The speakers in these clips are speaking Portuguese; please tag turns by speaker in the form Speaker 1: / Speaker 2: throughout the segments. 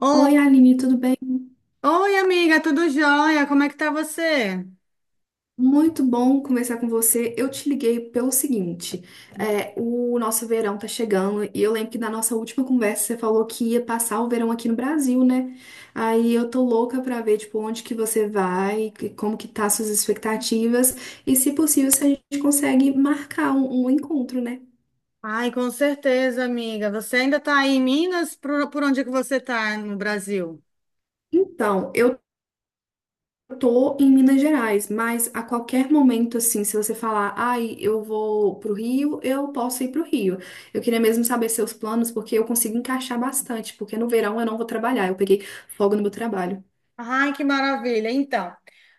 Speaker 1: Oi,
Speaker 2: Oi, Aline, tudo bem?
Speaker 1: oi, amiga, tudo jóia? Como é que tá você?
Speaker 2: Muito bom conversar com você. Eu te liguei pelo seguinte: o nosso verão tá chegando e eu lembro que na nossa última conversa você falou que ia passar o verão aqui no Brasil, né? Aí eu tô louca pra ver, tipo, onde que você vai, como que tá suas expectativas e, se possível, se a gente consegue marcar um encontro, né?
Speaker 1: Ai, com certeza, amiga. Você ainda tá aí em Minas? Por onde é que você tá no Brasil?
Speaker 2: Então, eu tô em Minas Gerais, mas a qualquer momento, assim, se você falar, ai, eu vou pro Rio, eu posso ir pro Rio. Eu queria mesmo saber seus planos, porque eu consigo encaixar bastante, porque no verão eu não vou trabalhar, eu peguei folga no meu trabalho.
Speaker 1: Ai, que maravilha. Então,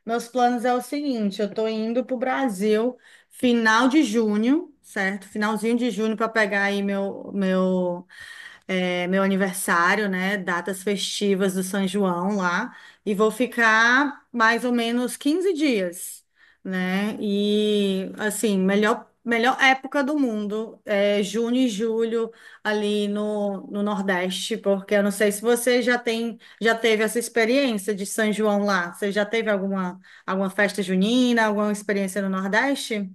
Speaker 1: meus planos é o seguinte, eu tô indo pro Brasil final de junho, certo? Finalzinho de junho para pegar aí meu aniversário, né? Datas festivas do São João lá. E vou ficar mais ou menos 15 dias, né? E, assim, melhor época do mundo é junho e julho ali no Nordeste, porque eu não sei se você já teve essa experiência de São João lá. Você já teve alguma festa junina, alguma experiência no Nordeste?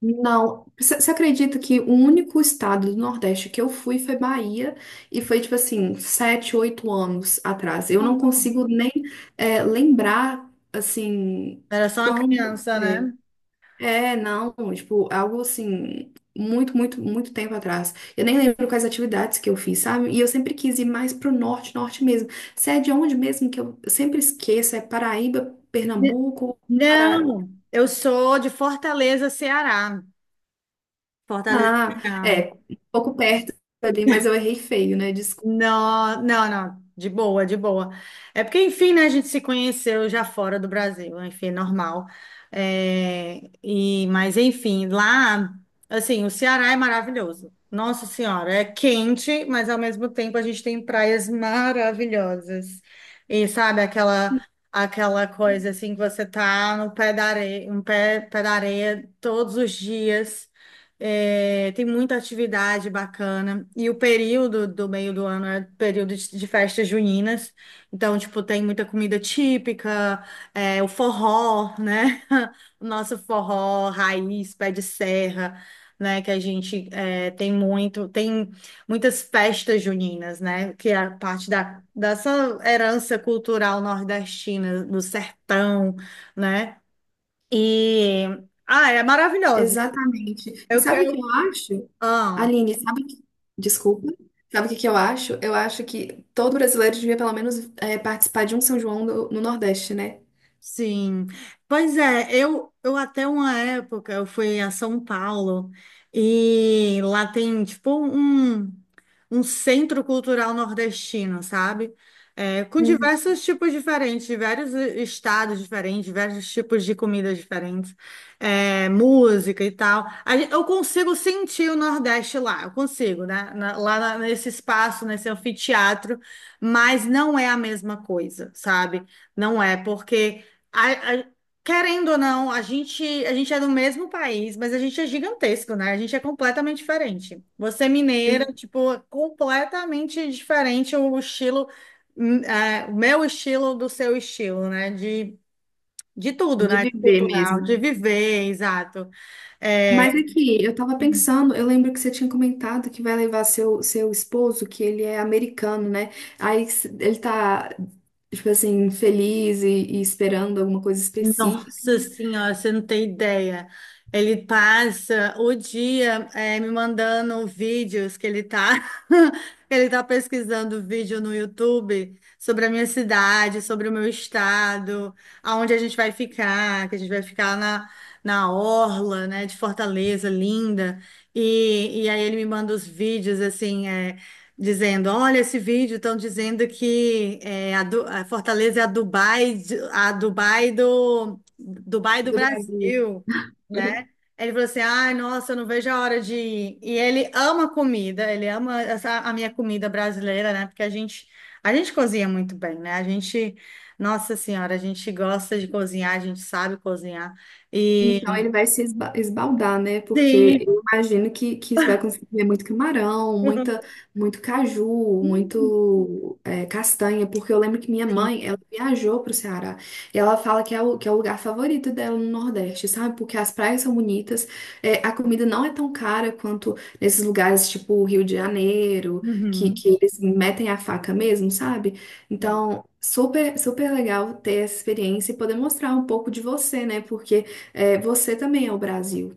Speaker 2: Não, você acredita que o único estado do Nordeste que eu fui foi Bahia, e foi tipo assim, 7, 8 anos atrás. Eu não
Speaker 1: Não.
Speaker 2: consigo nem lembrar, assim,
Speaker 1: Era só uma
Speaker 2: quando.
Speaker 1: criança,
Speaker 2: eh,
Speaker 1: né?
Speaker 2: É, não, tipo, algo assim, muito, muito, muito tempo atrás. Eu nem lembro quais atividades que eu fiz, sabe? E eu sempre quis ir mais pro norte, norte mesmo. Se é de onde mesmo que eu sempre esqueço, é Paraíba, Pernambuco, para...
Speaker 1: Não, eu sou de Fortaleza, Ceará. Fortaleza,
Speaker 2: Ah,
Speaker 1: Ceará.
Speaker 2: é, um pouco perto ali, mas eu errei feio, né? Desculpa.
Speaker 1: Não, não, não, de boa, de boa. É porque, enfim, né, a gente se conheceu já fora do Brasil, enfim, é normal. É, e, mas, enfim, lá, assim, o Ceará é maravilhoso. Nossa Senhora, é quente, mas ao mesmo tempo a gente tem praias maravilhosas. E sabe, aquela coisa assim que você tá no pé da areia, um pé da areia todos os dias. É, tem muita atividade bacana. E o período do meio do ano é período de festas juninas. Então, tipo, tem muita comida típica, é, o forró, né? O nosso forró raiz, pé de serra, né? Que a gente tem muitas festas juninas, né? Que é a parte dessa herança cultural nordestina, do sertão, né? E, ah, é maravilhoso.
Speaker 2: Exatamente. E
Speaker 1: Eu
Speaker 2: sabe o que
Speaker 1: quero.
Speaker 2: eu acho? Aline, sabe que... Desculpa. Sabe o que que eu acho? Eu acho que todo brasileiro devia pelo menos participar de um São João no Nordeste, né?
Speaker 1: Sim, pois é, eu até uma época eu fui a São Paulo e lá tem tipo um centro cultural nordestino, sabe? É, com
Speaker 2: Uhum.
Speaker 1: diversos tipos diferentes, de vários estados diferentes, diversos tipos de comidas diferentes, é, música e tal. Eu consigo sentir o Nordeste lá, eu consigo, né? Nesse espaço, nesse anfiteatro, mas não é a mesma coisa, sabe? Não é, porque. A- a- querendo ou não, a gente é do mesmo país, mas a gente é gigantesco, né? A gente é completamente diferente. Você é mineira, tipo, é completamente diferente o estilo, é, o meu estilo do seu estilo, né? De tudo,
Speaker 2: De
Speaker 1: né? De
Speaker 2: viver
Speaker 1: cultural,
Speaker 2: mesmo.
Speaker 1: de viver, exato.
Speaker 2: Mas
Speaker 1: É,
Speaker 2: aqui, eu tava pensando, eu lembro que você tinha comentado que vai levar seu esposo, que ele é americano, né? Ele tá, tipo assim, feliz e esperando alguma coisa específica
Speaker 1: Nossa Senhora, você não tem ideia. Ele passa o dia me mandando vídeos que ele tá, ele tá pesquisando vídeo no YouTube sobre a minha cidade, sobre o meu estado, aonde a gente vai ficar, que a gente vai ficar na orla, né, de Fortaleza, linda. E aí ele me manda os vídeos assim, dizendo, olha esse vídeo, estão dizendo que a Fortaleza é a Dubai, de- a Dubai do
Speaker 2: do Brasil.
Speaker 1: Brasil, né? Ele falou assim, ai, nossa, eu não vejo a hora de ir. E ele ama comida, ele ama a minha comida brasileira, né? Porque a gente cozinha muito bem, né? A gente, nossa senhora, a gente gosta de cozinhar, a gente sabe cozinhar. E
Speaker 2: Então ele vai se esba- esbaldar, né? Porque
Speaker 1: sim,
Speaker 2: eu imagino que você vai conseguir ver muito camarão, muito caju, muito castanha, porque eu lembro que minha
Speaker 1: sim,
Speaker 2: mãe, ela viajou para o Ceará e ela fala que é que é o lugar favorito dela no Nordeste, sabe? Porque as praias são bonitas, é, a comida não é tão cara quanto nesses lugares tipo o Rio de Janeiro,
Speaker 1: uhum.
Speaker 2: que eles metem a faca mesmo, sabe? Então, super, super legal ter essa experiência e poder mostrar um pouco de você, né? Porque é, você também é o Brasil.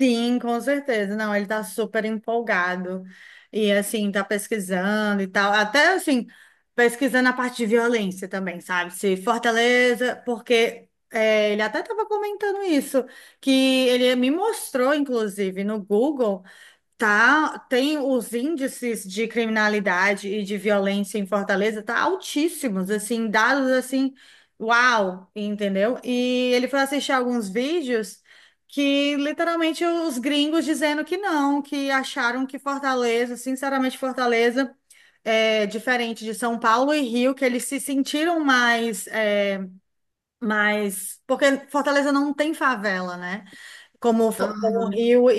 Speaker 1: Sim, com certeza. Não, ele tá super empolgado e assim, tá pesquisando e tal. Até assim, pesquisando a parte de violência também, sabe? Se Fortaleza, porque é, ele até tava comentando isso, que ele me mostrou, inclusive, no Google. Tá, tem os índices de criminalidade e de violência em Fortaleza, tá altíssimos, assim, dados assim, uau, entendeu? E ele foi assistir alguns vídeos que literalmente os gringos dizendo que não, que acharam que Fortaleza, sinceramente, Fortaleza é diferente de São Paulo e Rio, que eles se sentiram mais, porque Fortaleza não tem favela, né? Como
Speaker 2: Aham.
Speaker 1: Rio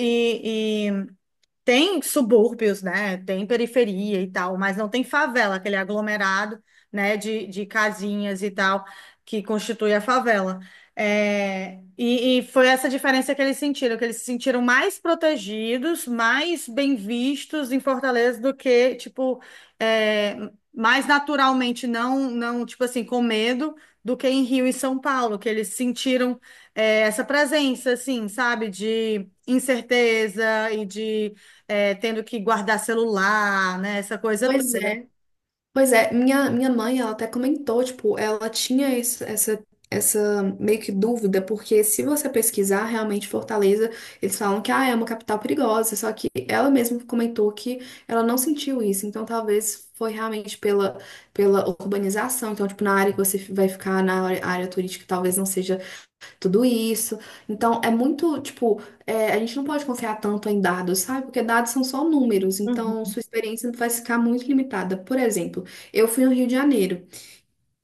Speaker 1: tem subúrbios, né? Tem periferia e tal, mas não tem favela, aquele aglomerado, né, de casinhas e tal, que constitui a favela. É, e foi essa diferença que eles sentiram, que eles se sentiram mais protegidos, mais bem vistos em Fortaleza do que, tipo, é, mais naturalmente, não, não, tipo assim, com medo, do que em Rio e São Paulo, que eles sentiram, é, essa presença, assim, sabe, de incerteza e de tendo que guardar celular, né? Essa coisa
Speaker 2: Pois
Speaker 1: toda.
Speaker 2: é. Pois é, minha mãe, ela até comentou, tipo, ela tinha essa, essa meio que dúvida, porque se você pesquisar realmente Fortaleza, eles falam que, ah, é uma capital perigosa, só que ela mesma comentou que ela não sentiu isso, então talvez foi realmente pela, pela urbanização, então, tipo, na área que você vai ficar, na área turística, talvez não seja tudo isso. Então, é muito, tipo, é, a gente não pode confiar tanto em dados, sabe? Porque dados são só números, então
Speaker 1: Uhum.
Speaker 2: sua experiência vai ficar muito limitada. Por exemplo, eu fui no Rio de Janeiro.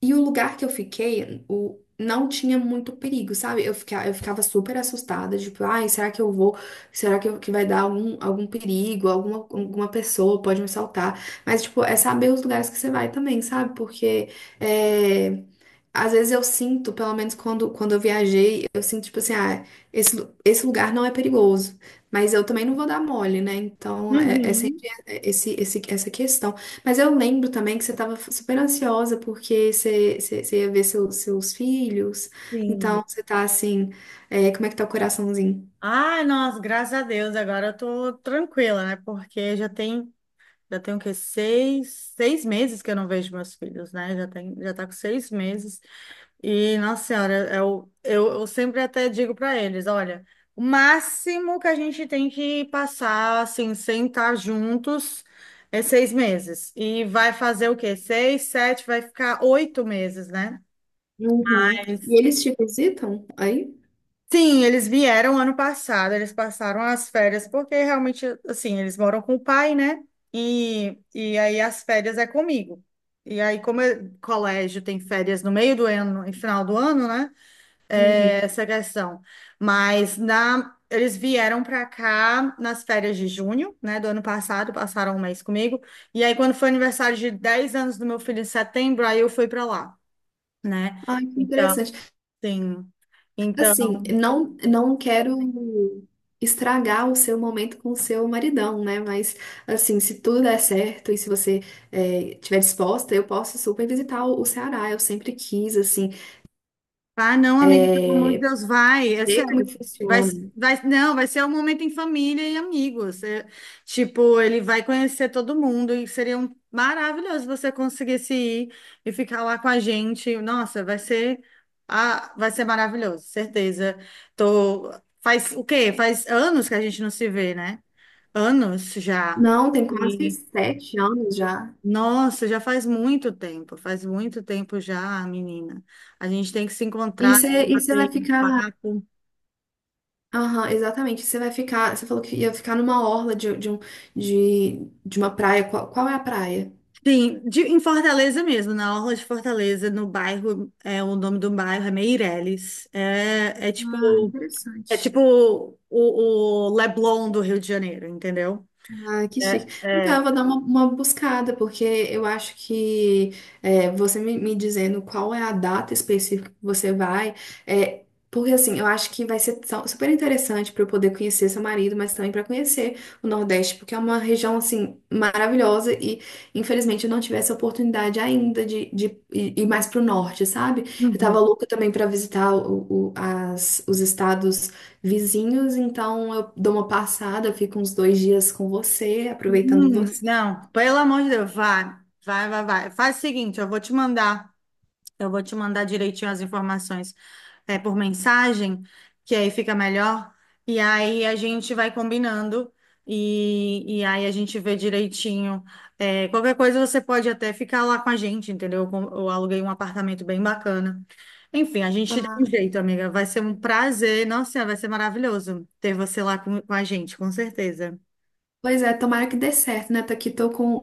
Speaker 2: E o lugar que eu fiquei, não tinha muito perigo, sabe? Eu ficava super assustada, tipo, ai, será que eu vou? Que vai dar algum, algum perigo? Alguma, alguma pessoa pode me assaltar? Mas, tipo, é saber os lugares que você vai também, sabe? Porque é, às vezes eu sinto, pelo menos quando eu viajei, eu sinto, tipo assim, ah, esse lugar não é perigoso. Mas eu também não vou dar mole, né? Então, é, é
Speaker 1: Uhum.
Speaker 2: sempre essa questão. Mas eu lembro também que você estava super ansiosa porque você ia ver seus filhos.
Speaker 1: Sim.
Speaker 2: Então você tá assim, é, como é que tá o coraçãozinho?
Speaker 1: Ai, nossa, graças a Deus, agora eu tô tranquila, né? Porque já tem o quê? Seis, seis meses que eu não vejo meus filhos, né? Já tá com 6 meses. E, nossa senhora, eu sempre até digo para eles, olha, o máximo que a gente tem que passar, assim, sem estar juntos, é 6 meses. E vai fazer o quê? Seis, sete, vai ficar 8 meses, né?
Speaker 2: Uhum. E eles te visitam aí?
Speaker 1: Sim, eles vieram ano passado, eles passaram as férias, porque realmente, assim, eles moram com o pai, né? E aí as férias é comigo. E aí, colégio tem férias no meio do ano e final do ano, né?
Speaker 2: Uhum.
Speaker 1: É essa questão. Mas eles vieram para cá nas férias de junho, né? Do ano passado, passaram um mês comigo. E aí, quando foi aniversário de 10 anos do meu filho em setembro, aí eu fui para lá, né?
Speaker 2: Ai, que
Speaker 1: Então,
Speaker 2: interessante.
Speaker 1: sim. Então,
Speaker 2: Assim, não quero estragar o seu momento com o seu maridão, né? Mas, assim, se tudo der certo e se você tiver disposta, eu posso super visitar o Ceará. Eu sempre quis, assim,
Speaker 1: ah, não, amiga, pelo amor de
Speaker 2: é,
Speaker 1: Deus, vai, é
Speaker 2: ver como
Speaker 1: sério.
Speaker 2: que
Speaker 1: Vai,
Speaker 2: funciona.
Speaker 1: vai, não, vai ser um momento em família e amigos. É, tipo, ele vai conhecer todo mundo e seria maravilhoso você conseguisse ir e ficar lá com a gente. Nossa, vai ser maravilhoso, certeza. Tô, faz o quê? Faz anos que a gente não se vê, né? Anos já.
Speaker 2: Não, tem quase 7 anos já.
Speaker 1: Nossa, já faz muito tempo já, menina. A gente tem que se encontrar, tem que
Speaker 2: E você
Speaker 1: bater
Speaker 2: vai
Speaker 1: um
Speaker 2: ficar.
Speaker 1: papo.
Speaker 2: Aham, exatamente. Você vai ficar. Você falou que ia ficar numa orla de uma praia. Qual, qual é a praia?
Speaker 1: Sim, em Fortaleza mesmo, na Orla de Fortaleza, no bairro, é, o nome do bairro é Meireles. É, é tipo,
Speaker 2: Ah,
Speaker 1: é
Speaker 2: interessante.
Speaker 1: tipo o Leblon do Rio de Janeiro, entendeu?
Speaker 2: Ah, que
Speaker 1: É,
Speaker 2: chique. Então,
Speaker 1: é.
Speaker 2: eu vou dar uma buscada, porque eu acho que é, você me, me dizendo qual é a data específica que você vai, é, porque assim, eu acho que vai ser super interessante para eu poder conhecer seu marido, mas também para conhecer o Nordeste, porque é uma região assim maravilhosa e infelizmente eu não tive essa oportunidade ainda de ir mais para o norte, sabe? Eu tava
Speaker 1: Uhum.
Speaker 2: louca também para visitar os estados vizinhos, então eu dou uma passada, eu fico uns 2 dias com você, aproveitando você.
Speaker 1: Não, pelo amor de Deus, vai, vai, vai, vai. Faz o seguinte, eu vou te mandar. Eu vou te mandar direitinho as informações por mensagem, que aí fica melhor. E aí a gente vai combinando e aí a gente vê direitinho. É, qualquer coisa você pode até ficar lá com a gente, entendeu? Eu aluguei um apartamento bem bacana. Enfim, a gente dá
Speaker 2: Ah,
Speaker 1: um jeito, amiga. Vai ser um prazer. Nossa, vai ser maravilhoso ter você lá com a gente, com certeza.
Speaker 2: pois é, tomara que dê certo, né? Tô aqui,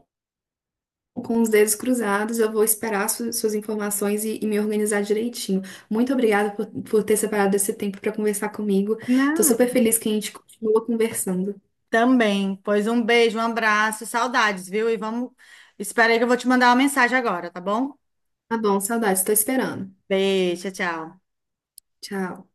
Speaker 2: com os dedos cruzados, eu vou esperar suas informações e me organizar direitinho. Muito obrigada por ter separado esse tempo para conversar comigo. Tô
Speaker 1: Não.
Speaker 2: super feliz que a gente continua conversando.
Speaker 1: Também. Pois um beijo, um abraço, saudades, viu? E vamos. Espera aí que eu vou te mandar uma mensagem agora, tá bom?
Speaker 2: Tá bom, saudades, tô esperando.
Speaker 1: Beijo, tchau, tchau.
Speaker 2: Tchau.